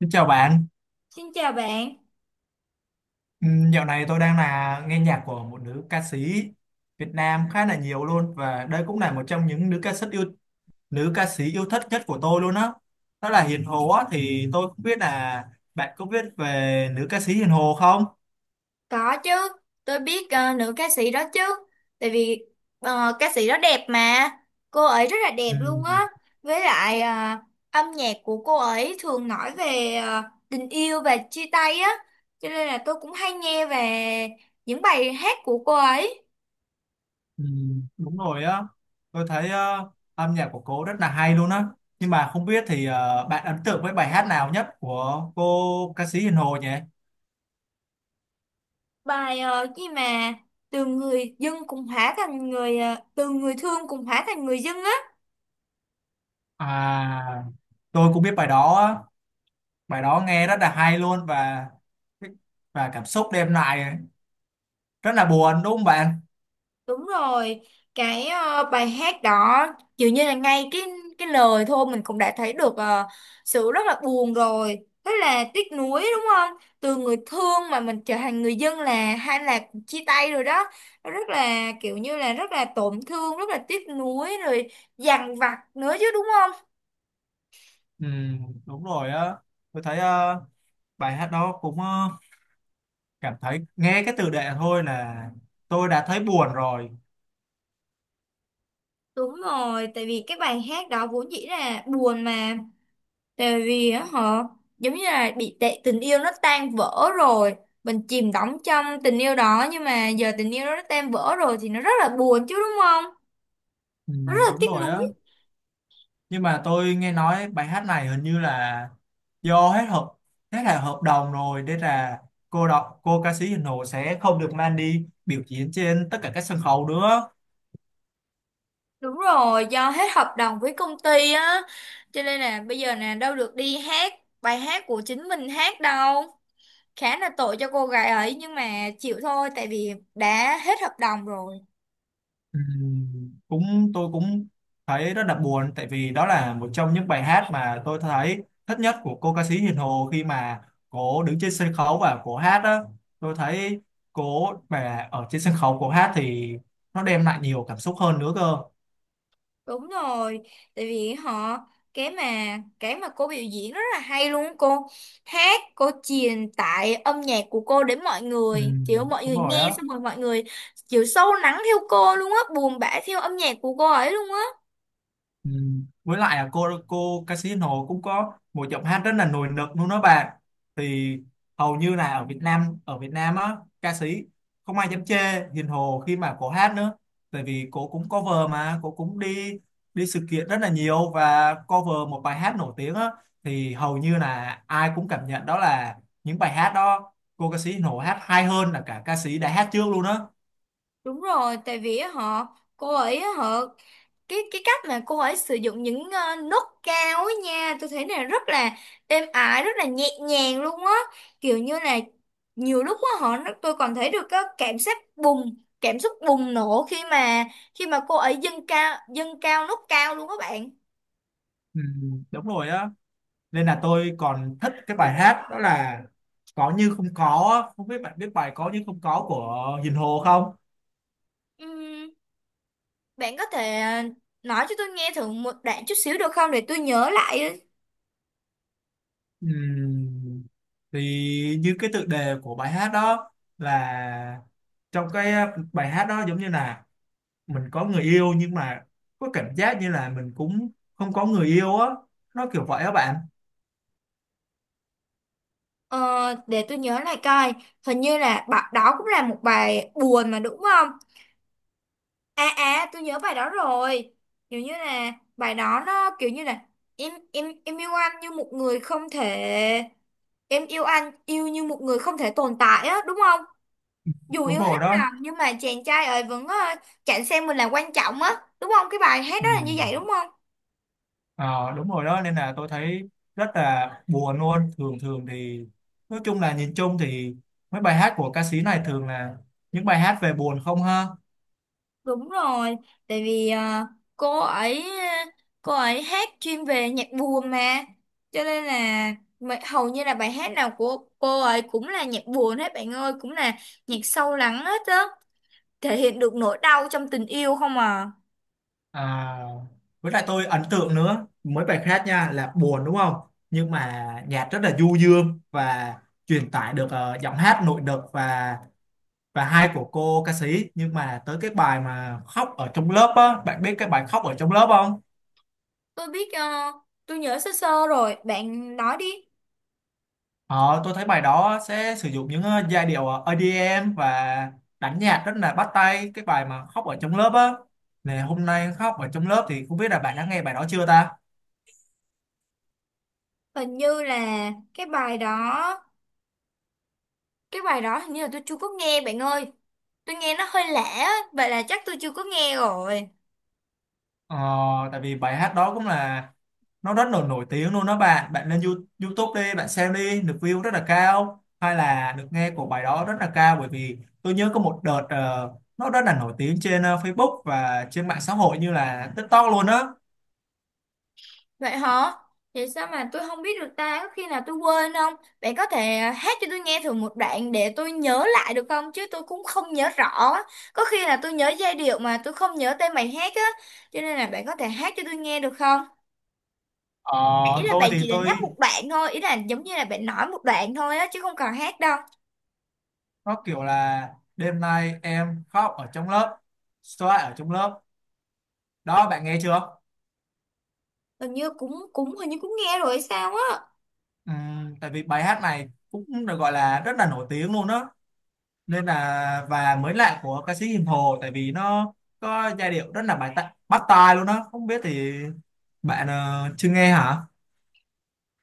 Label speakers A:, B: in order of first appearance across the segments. A: Xin chào bạn.
B: Xin chào bạn,
A: Dạo này tôi đang nghe nhạc của một nữ ca sĩ Việt Nam khá là nhiều luôn, và đây cũng là một trong những nữ ca sĩ yêu thích nhất của tôi luôn á. Đó, đó là Hiền Hồ á, thì tôi không biết là bạn có biết về nữ ca sĩ Hiền Hồ không?
B: có chứ, tôi biết nữ ca sĩ đó chứ, tại vì ca sĩ đó đẹp mà, cô ấy rất là đẹp
A: Ừ.
B: luôn á, với lại âm nhạc của cô ấy thường nói về tình yêu và chia tay á, cho nên là tôi cũng hay nghe về những bài hát của cô ấy.
A: Ừ, đúng rồi á, tôi thấy âm nhạc của cô rất là hay luôn á, nhưng mà không biết thì bạn ấn tượng với bài hát nào nhất của cô ca sĩ Hiền Hồ nhỉ?
B: Bài gì mà từ người dưng cũng hóa thành người, từ người thương cũng hóa thành người dưng á.
A: À, tôi cũng biết bài đó á. Bài đó nghe rất là hay luôn, và cảm xúc đêm lại rất là buồn đúng không bạn?
B: Đúng rồi, cái bài hát đó dường như là ngay cái lời thôi mình cũng đã thấy được sự rất là buồn rồi. Thế là tiếc nuối đúng không? Từ người thương mà mình trở thành người dân là hay là chia tay rồi đó. Nó rất là kiểu như là rất là tổn thương, rất là tiếc nuối rồi dằn vặt nữa chứ đúng không?
A: Ừ, đúng rồi á, tôi thấy bài hát đó cũng ờ, cảm thấy nghe cái tựa đề thôi là tôi đã thấy buồn rồi.
B: Đúng rồi, tại vì cái bài hát đó vốn dĩ là buồn mà. Tại vì á họ giống như là bị tệ tình yêu nó tan vỡ rồi, mình chìm đắm trong tình yêu đó nhưng mà giờ tình yêu đó nó tan vỡ rồi thì nó rất là buồn chứ đúng không?
A: Ừ,
B: Nó rất là
A: đúng
B: tiếc
A: rồi á,
B: nuối.
A: nhưng mà tôi nghe nói bài hát này hình như là do hết hợp hết là hợp đồng rồi, nên là cô ca sĩ Hiền Hồ sẽ không được mang đi biểu diễn trên tất cả các sân khấu nữa.
B: Đúng rồi, do hết hợp đồng với công ty á, cho nên là bây giờ nè đâu được đi hát bài hát của chính mình hát đâu. Khá là tội cho cô gái ấy nhưng mà chịu thôi tại vì đã hết hợp đồng rồi.
A: Cũng tôi cũng thấy rất là buồn, tại vì đó là một trong những bài hát mà tôi thấy thích nhất của cô ca sĩ Hiền Hồ, khi mà cô đứng trên sân khấu và cô hát đó. Tôi thấy cô mà ở trên sân khấu cô hát thì nó đem lại nhiều cảm xúc hơn nữa cơ.
B: Đúng rồi, tại vì họ cái mà cái mà cô biểu diễn rất là hay luôn á, cô hát, cô truyền tải âm nhạc của cô đến mọi người, kiểu mọi
A: Đúng
B: người
A: rồi
B: nghe
A: á.
B: xong rồi mọi người kiểu sâu lắng theo cô luôn á, buồn bã theo âm nhạc của cô ấy luôn á.
A: Ừ. Với lại là cô Casino cũng có một giọng hát rất là nổi bật luôn đó bạn. Thì hầu như là ở Việt Nam á, ca sĩ không ai dám chê Hiền Hồ khi mà cô hát nữa, tại vì cô cũng cover, mà cô cũng đi đi sự kiện rất là nhiều và cover một bài hát nổi tiếng á, thì hầu như là ai cũng cảm nhận đó là những bài hát đó cô ca sĩ Hiền Hồ hát hay hơn là cả ca sĩ đã hát trước luôn á.
B: Đúng rồi, tại vì á họ cô ấy á, họ cái cách mà cô ấy sử dụng những nốt cao ấy nha, tôi thấy là rất là êm ái, rất là nhẹ nhàng luôn á. Kiểu như là nhiều lúc á họ tôi còn thấy được cái cảm giác bùng, cảm xúc bùng nổ khi mà cô ấy dâng cao nốt cao luôn các bạn.
A: Ừ, đúng rồi á, nên là tôi còn thích cái bài hát đó là Có Như Không Có á. Không biết bạn biết bài Có Như Không Có của Hiền Hồ không?
B: Ừm, bạn có thể nói cho tôi nghe thử một đoạn chút xíu được không để tôi nhớ lại?
A: Ừm, thì như cái tựa đề của bài hát đó, là trong cái bài hát đó giống như là mình có người yêu, nhưng mà có cảm giác như là mình cũng không có người yêu á, nó kiểu vậy á bạn.
B: Ờ, để tôi nhớ lại coi, hình như là bạn đó cũng là một bài buồn mà đúng không? À, à, tôi nhớ bài đó rồi, kiểu như là bài đó nó kiểu như là em yêu anh như một người không thể em yêu anh yêu như một người không thể tồn tại á đúng không? Dù
A: Đúng
B: yêu
A: rồi
B: hết
A: đó.
B: lòng nhưng mà chàng trai ấy vẫn chẳng xem mình là quan trọng á, đúng không, cái bài hát đó là như vậy
A: Ừm.
B: đúng không?
A: Ờ, đúng rồi đó, nên là tôi thấy rất là buồn luôn. Thường thường thì, nói chung là nhìn chung thì mấy bài hát của ca sĩ này thường là những bài hát về buồn không ha.
B: Đúng rồi, tại vì cô ấy hát chuyên về nhạc buồn mà, cho nên là hầu như là bài hát nào của cô ấy cũng là nhạc buồn hết bạn ơi, cũng là nhạc sâu lắng hết á, thể hiện được nỗi đau trong tình yêu không à.
A: À, với lại tôi ấn tượng nữa mấy bài khác nha, là buồn đúng không, nhưng mà nhạc rất là du dương và truyền tải được ờ, giọng hát nội lực và hay của cô ca sĩ, nhưng mà tới cái bài mà Khóc Ở Trong Lớp á, bạn biết cái bài Khóc Ở Trong Lớp không?
B: Tôi biết, tôi nhớ sơ sơ rồi, bạn nói đi.
A: Ờ, tôi thấy bài đó sẽ sử dụng những ờ, giai điệu ờ, EDM và đánh nhạc rất là bắt tay, cái bài mà Khóc Ở Trong Lớp á, này hôm nay khóc ở trong lớp, thì không biết là bạn đã nghe bài đó chưa ta?
B: Hình như là cái bài đó hình như là tôi chưa có nghe bạn ơi, tôi nghe nó hơi lạ á, vậy là chắc tôi chưa có nghe rồi.
A: ờ, Tại vì bài hát đó cũng là nó rất là nổi tiếng luôn đó bạn, bạn lên YouTube đi, bạn xem đi, được view rất là cao, hay là được nghe của bài đó rất là cao, bởi vì tôi nhớ có một đợt ờ, nó rất là nổi tiếng trên ờ, Facebook và trên mạng xã hội như là TikTok luôn á.
B: Vậy hả? Vậy sao mà tôi không biết được ta? Có khi nào tôi quên không? Bạn có thể à, hát cho tôi nghe thử một đoạn để tôi nhớ lại được không? Chứ tôi cũng không nhớ rõ á. Có khi là tôi nhớ giai điệu mà tôi không nhớ tên bài hát á. Cho nên là bạn có thể hát cho tôi nghe được không?
A: Ờ,
B: Ý là
A: tôi
B: bạn
A: thì
B: chỉ là nhắc
A: tôi
B: một đoạn thôi. Ý là giống như là bạn nói một đoạn thôi á. Chứ không cần hát đâu.
A: nó kiểu là đêm nay em khóc ở trong lớp, xoa ở trong lớp, đó bạn nghe chưa?
B: Hình như cũng cũng hình như cũng nghe rồi hay sao á.
A: Tại vì bài hát này cũng được gọi là rất là nổi tiếng luôn đó, nên là và mới lạ của ca sĩ Hiền Hồ, tại vì nó có giai điệu rất là bài tạ, bắt tai luôn đó. Không biết thì bạn ờ, chưa nghe hả?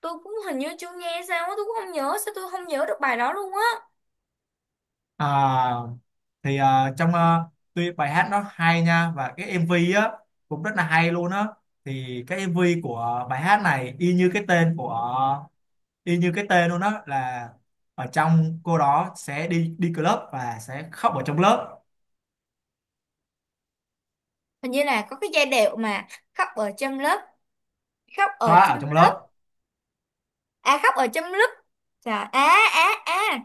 B: Tôi cũng hình như chưa nghe sao á. Tôi cũng không nhớ. Sao tôi không nhớ được bài đó luôn á.
A: À, thì ờ, trong ờ, tuy bài hát nó hay nha, và cái MV á cũng rất là hay luôn á, thì cái MV của bài hát này y như cái tên của y như cái tên luôn đó, là ở trong cô đó sẽ đi đi club và sẽ khóc ở trong lớp,
B: Hình như là có cái giai điệu mà khóc ở trong lớp. Khóc ở
A: thoa ở
B: trong
A: trong
B: lớp,
A: lớp.
B: à khóc ở trong lúc. Trời, à, à, à,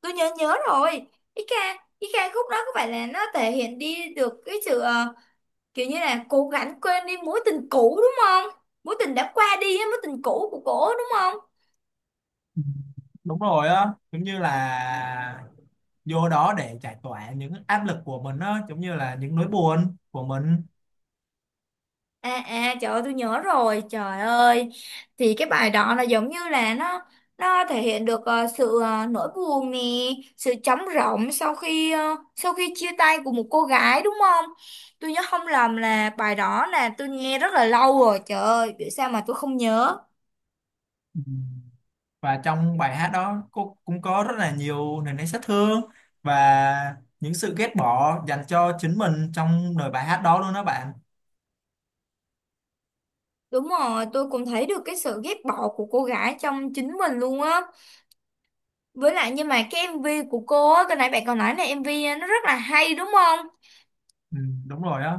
B: tôi nhớ nhớ rồi, cái ca cái ca khúc đó có phải là nó thể hiện đi được cái sự kiểu như là cố gắng quên đi mối tình cũ đúng không, mối tình đã qua đi á, mối tình cũ của cổ đúng không?
A: Ừ, đúng rồi á, giống như là vô đó để giải tỏa những áp lực của mình á, giống như là những nỗi buồn của mình.
B: À, à, trời ơi tôi nhớ rồi, trời ơi thì cái bài đó là giống như là nó thể hiện được sự nỗi buồn nè, sự trống rỗng sau khi chia tay của một cô gái đúng không? Tôi nhớ không lầm là bài đó là tôi nghe rất là lâu rồi, trời ơi vì sao mà tôi không nhớ.
A: Ừ. Và trong bài hát đó cô cũng có rất là nhiều nền nếp sát thương và những sự ghét bỏ dành cho chính mình trong lời bài hát đó luôn đó bạn.
B: Đúng rồi, tôi cũng thấy được cái sự ghét bỏ của cô gái trong chính mình luôn á. Với lại nhưng mà cái MV của cô á, cái nãy bạn còn nói là MV nó rất là hay đúng không?
A: Ừ, đúng rồi á.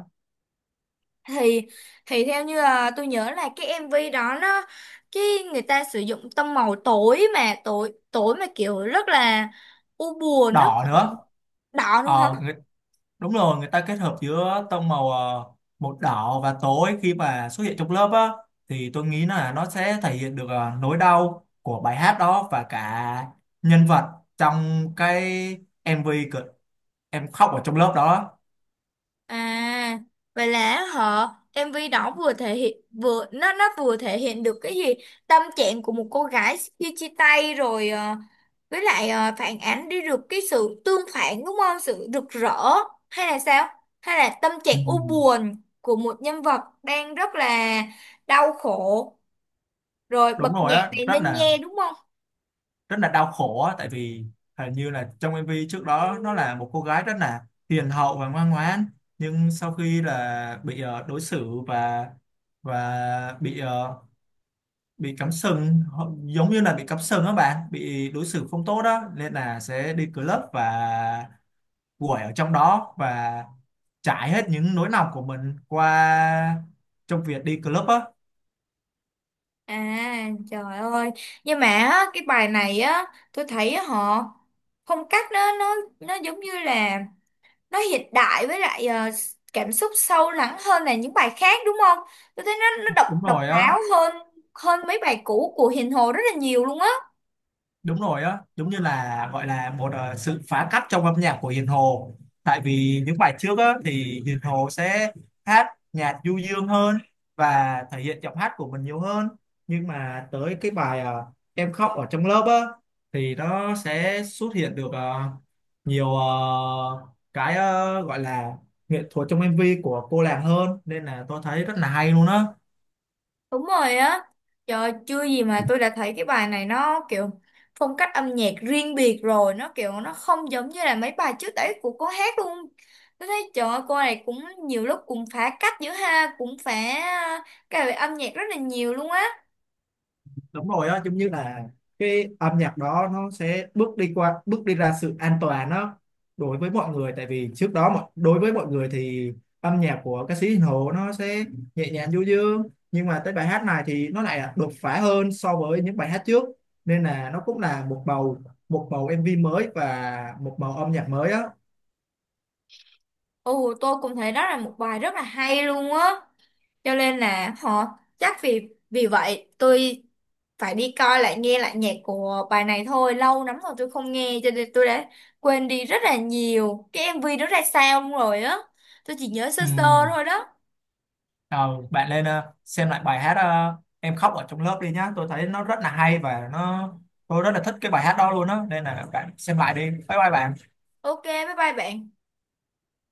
B: Thì thì theo như là tôi nhớ là cái MV đó nó cái người ta sử dụng tông màu tối tối mà kiểu rất là u buồn, rất
A: Đỏ nữa.
B: đỏ nữa hả?
A: Ờ. Đúng rồi, người ta kết hợp giữa tông màu ờ, một đỏ và tối, khi mà xuất hiện trong lớp á, thì tôi nghĩ là nó sẽ thể hiện được ờ, nỗi đau của bài hát đó và cả nhân vật trong cái MV cực Em Khóc Ở Trong Lớp đó.
B: À, vậy là họ MV đó vừa thể hiện vừa nó vừa thể hiện được cái gì, tâm trạng của một cô gái khi chia tay rồi với lại phản ánh đi được cái sự tương phản đúng không? Sự rực rỡ hay là sao? Hay là tâm trạng
A: Ừ.
B: u buồn của một nhân vật đang rất là đau khổ rồi bật
A: Đúng rồi
B: nhạc
A: á,
B: này nên nghe đúng không?
A: rất là đau khổ á, tại vì hình như là trong MV trước đó nó là một cô gái rất là hiền hậu và ngoan ngoãn, nhưng sau khi là bị ờ, đối xử và bị ờ, bị cắm sừng giống như là bị cắm sừng á bạn, bị đối xử không tốt đó, nên là sẽ đi club và quẩy ở trong đó, và trải hết những nỗi lòng của mình qua trong việc đi club á.
B: À trời ơi, nhưng mà á, cái bài này á tôi thấy á, họ phong cách nó giống như là nó hiện đại với lại cảm xúc sâu lắng hơn là những bài khác đúng không? Tôi thấy nó độc
A: Đúng
B: độc
A: rồi á.
B: đáo hơn hơn mấy bài cũ của Hiền Hồ rất là nhiều luôn á.
A: Đúng rồi á, giống như là gọi là một ờ, sự phá cách trong âm nhạc của Hiền Hồ, tại vì những bài trước á thì Hiền Hồ sẽ hát nhạc du dương hơn và thể hiện giọng hát của mình nhiều hơn, nhưng mà tới cái bài ờ, Em Khóc Ở Trong Lớp á, thì nó sẽ xuất hiện được ờ, nhiều ờ, cái ờ, gọi là nghệ thuật trong MV của cô nàng hơn, nên là tôi thấy rất là hay luôn á.
B: Đúng rồi á. Trời chưa gì mà tôi đã thấy cái bài này nó kiểu phong cách âm nhạc riêng biệt rồi, nó kiểu nó không giống như là mấy bài trước đấy của cô hát luôn. Tôi thấy trời ơi, cô này cũng nhiều lúc cũng phá cách giữa ha, cũng phá ờ, cái về âm nhạc rất là nhiều luôn á.
A: Đúng rồi á, giống như là cái âm nhạc đó nó sẽ bước đi ra sự an toàn đó đối với mọi người, tại vì trước đó đối với mọi người thì âm nhạc của ca sĩ Hiền Hồ nó sẽ nhẹ nhàng du dương, nhưng mà tới bài hát này thì nó lại đột phá hơn so với những bài hát trước, nên là nó cũng là một bầu MV mới và một bầu âm nhạc mới á.
B: Ồ, tôi cũng thấy đó là một bài rất là hay luôn á. Cho nên là họ chắc vì vì vậy tôi phải đi coi lại nghe lại nhạc của bài này thôi. Lâu lắm rồi tôi không nghe cho nên tôi đã quên đi rất là nhiều. Cái MV đó ra sao luôn rồi á. Tôi chỉ nhớ sơ
A: Ừ.
B: sơ thôi đó.
A: Ờ, bạn lên ờ, xem lại bài hát ờ, Em Khóc Ở Trong Lớp đi nhá. Tôi thấy nó rất là hay, và nó tôi rất là thích cái bài hát đó luôn á. Nên là bạn xem lại đi. Bye bye bạn.
B: Ok, bye bye bạn.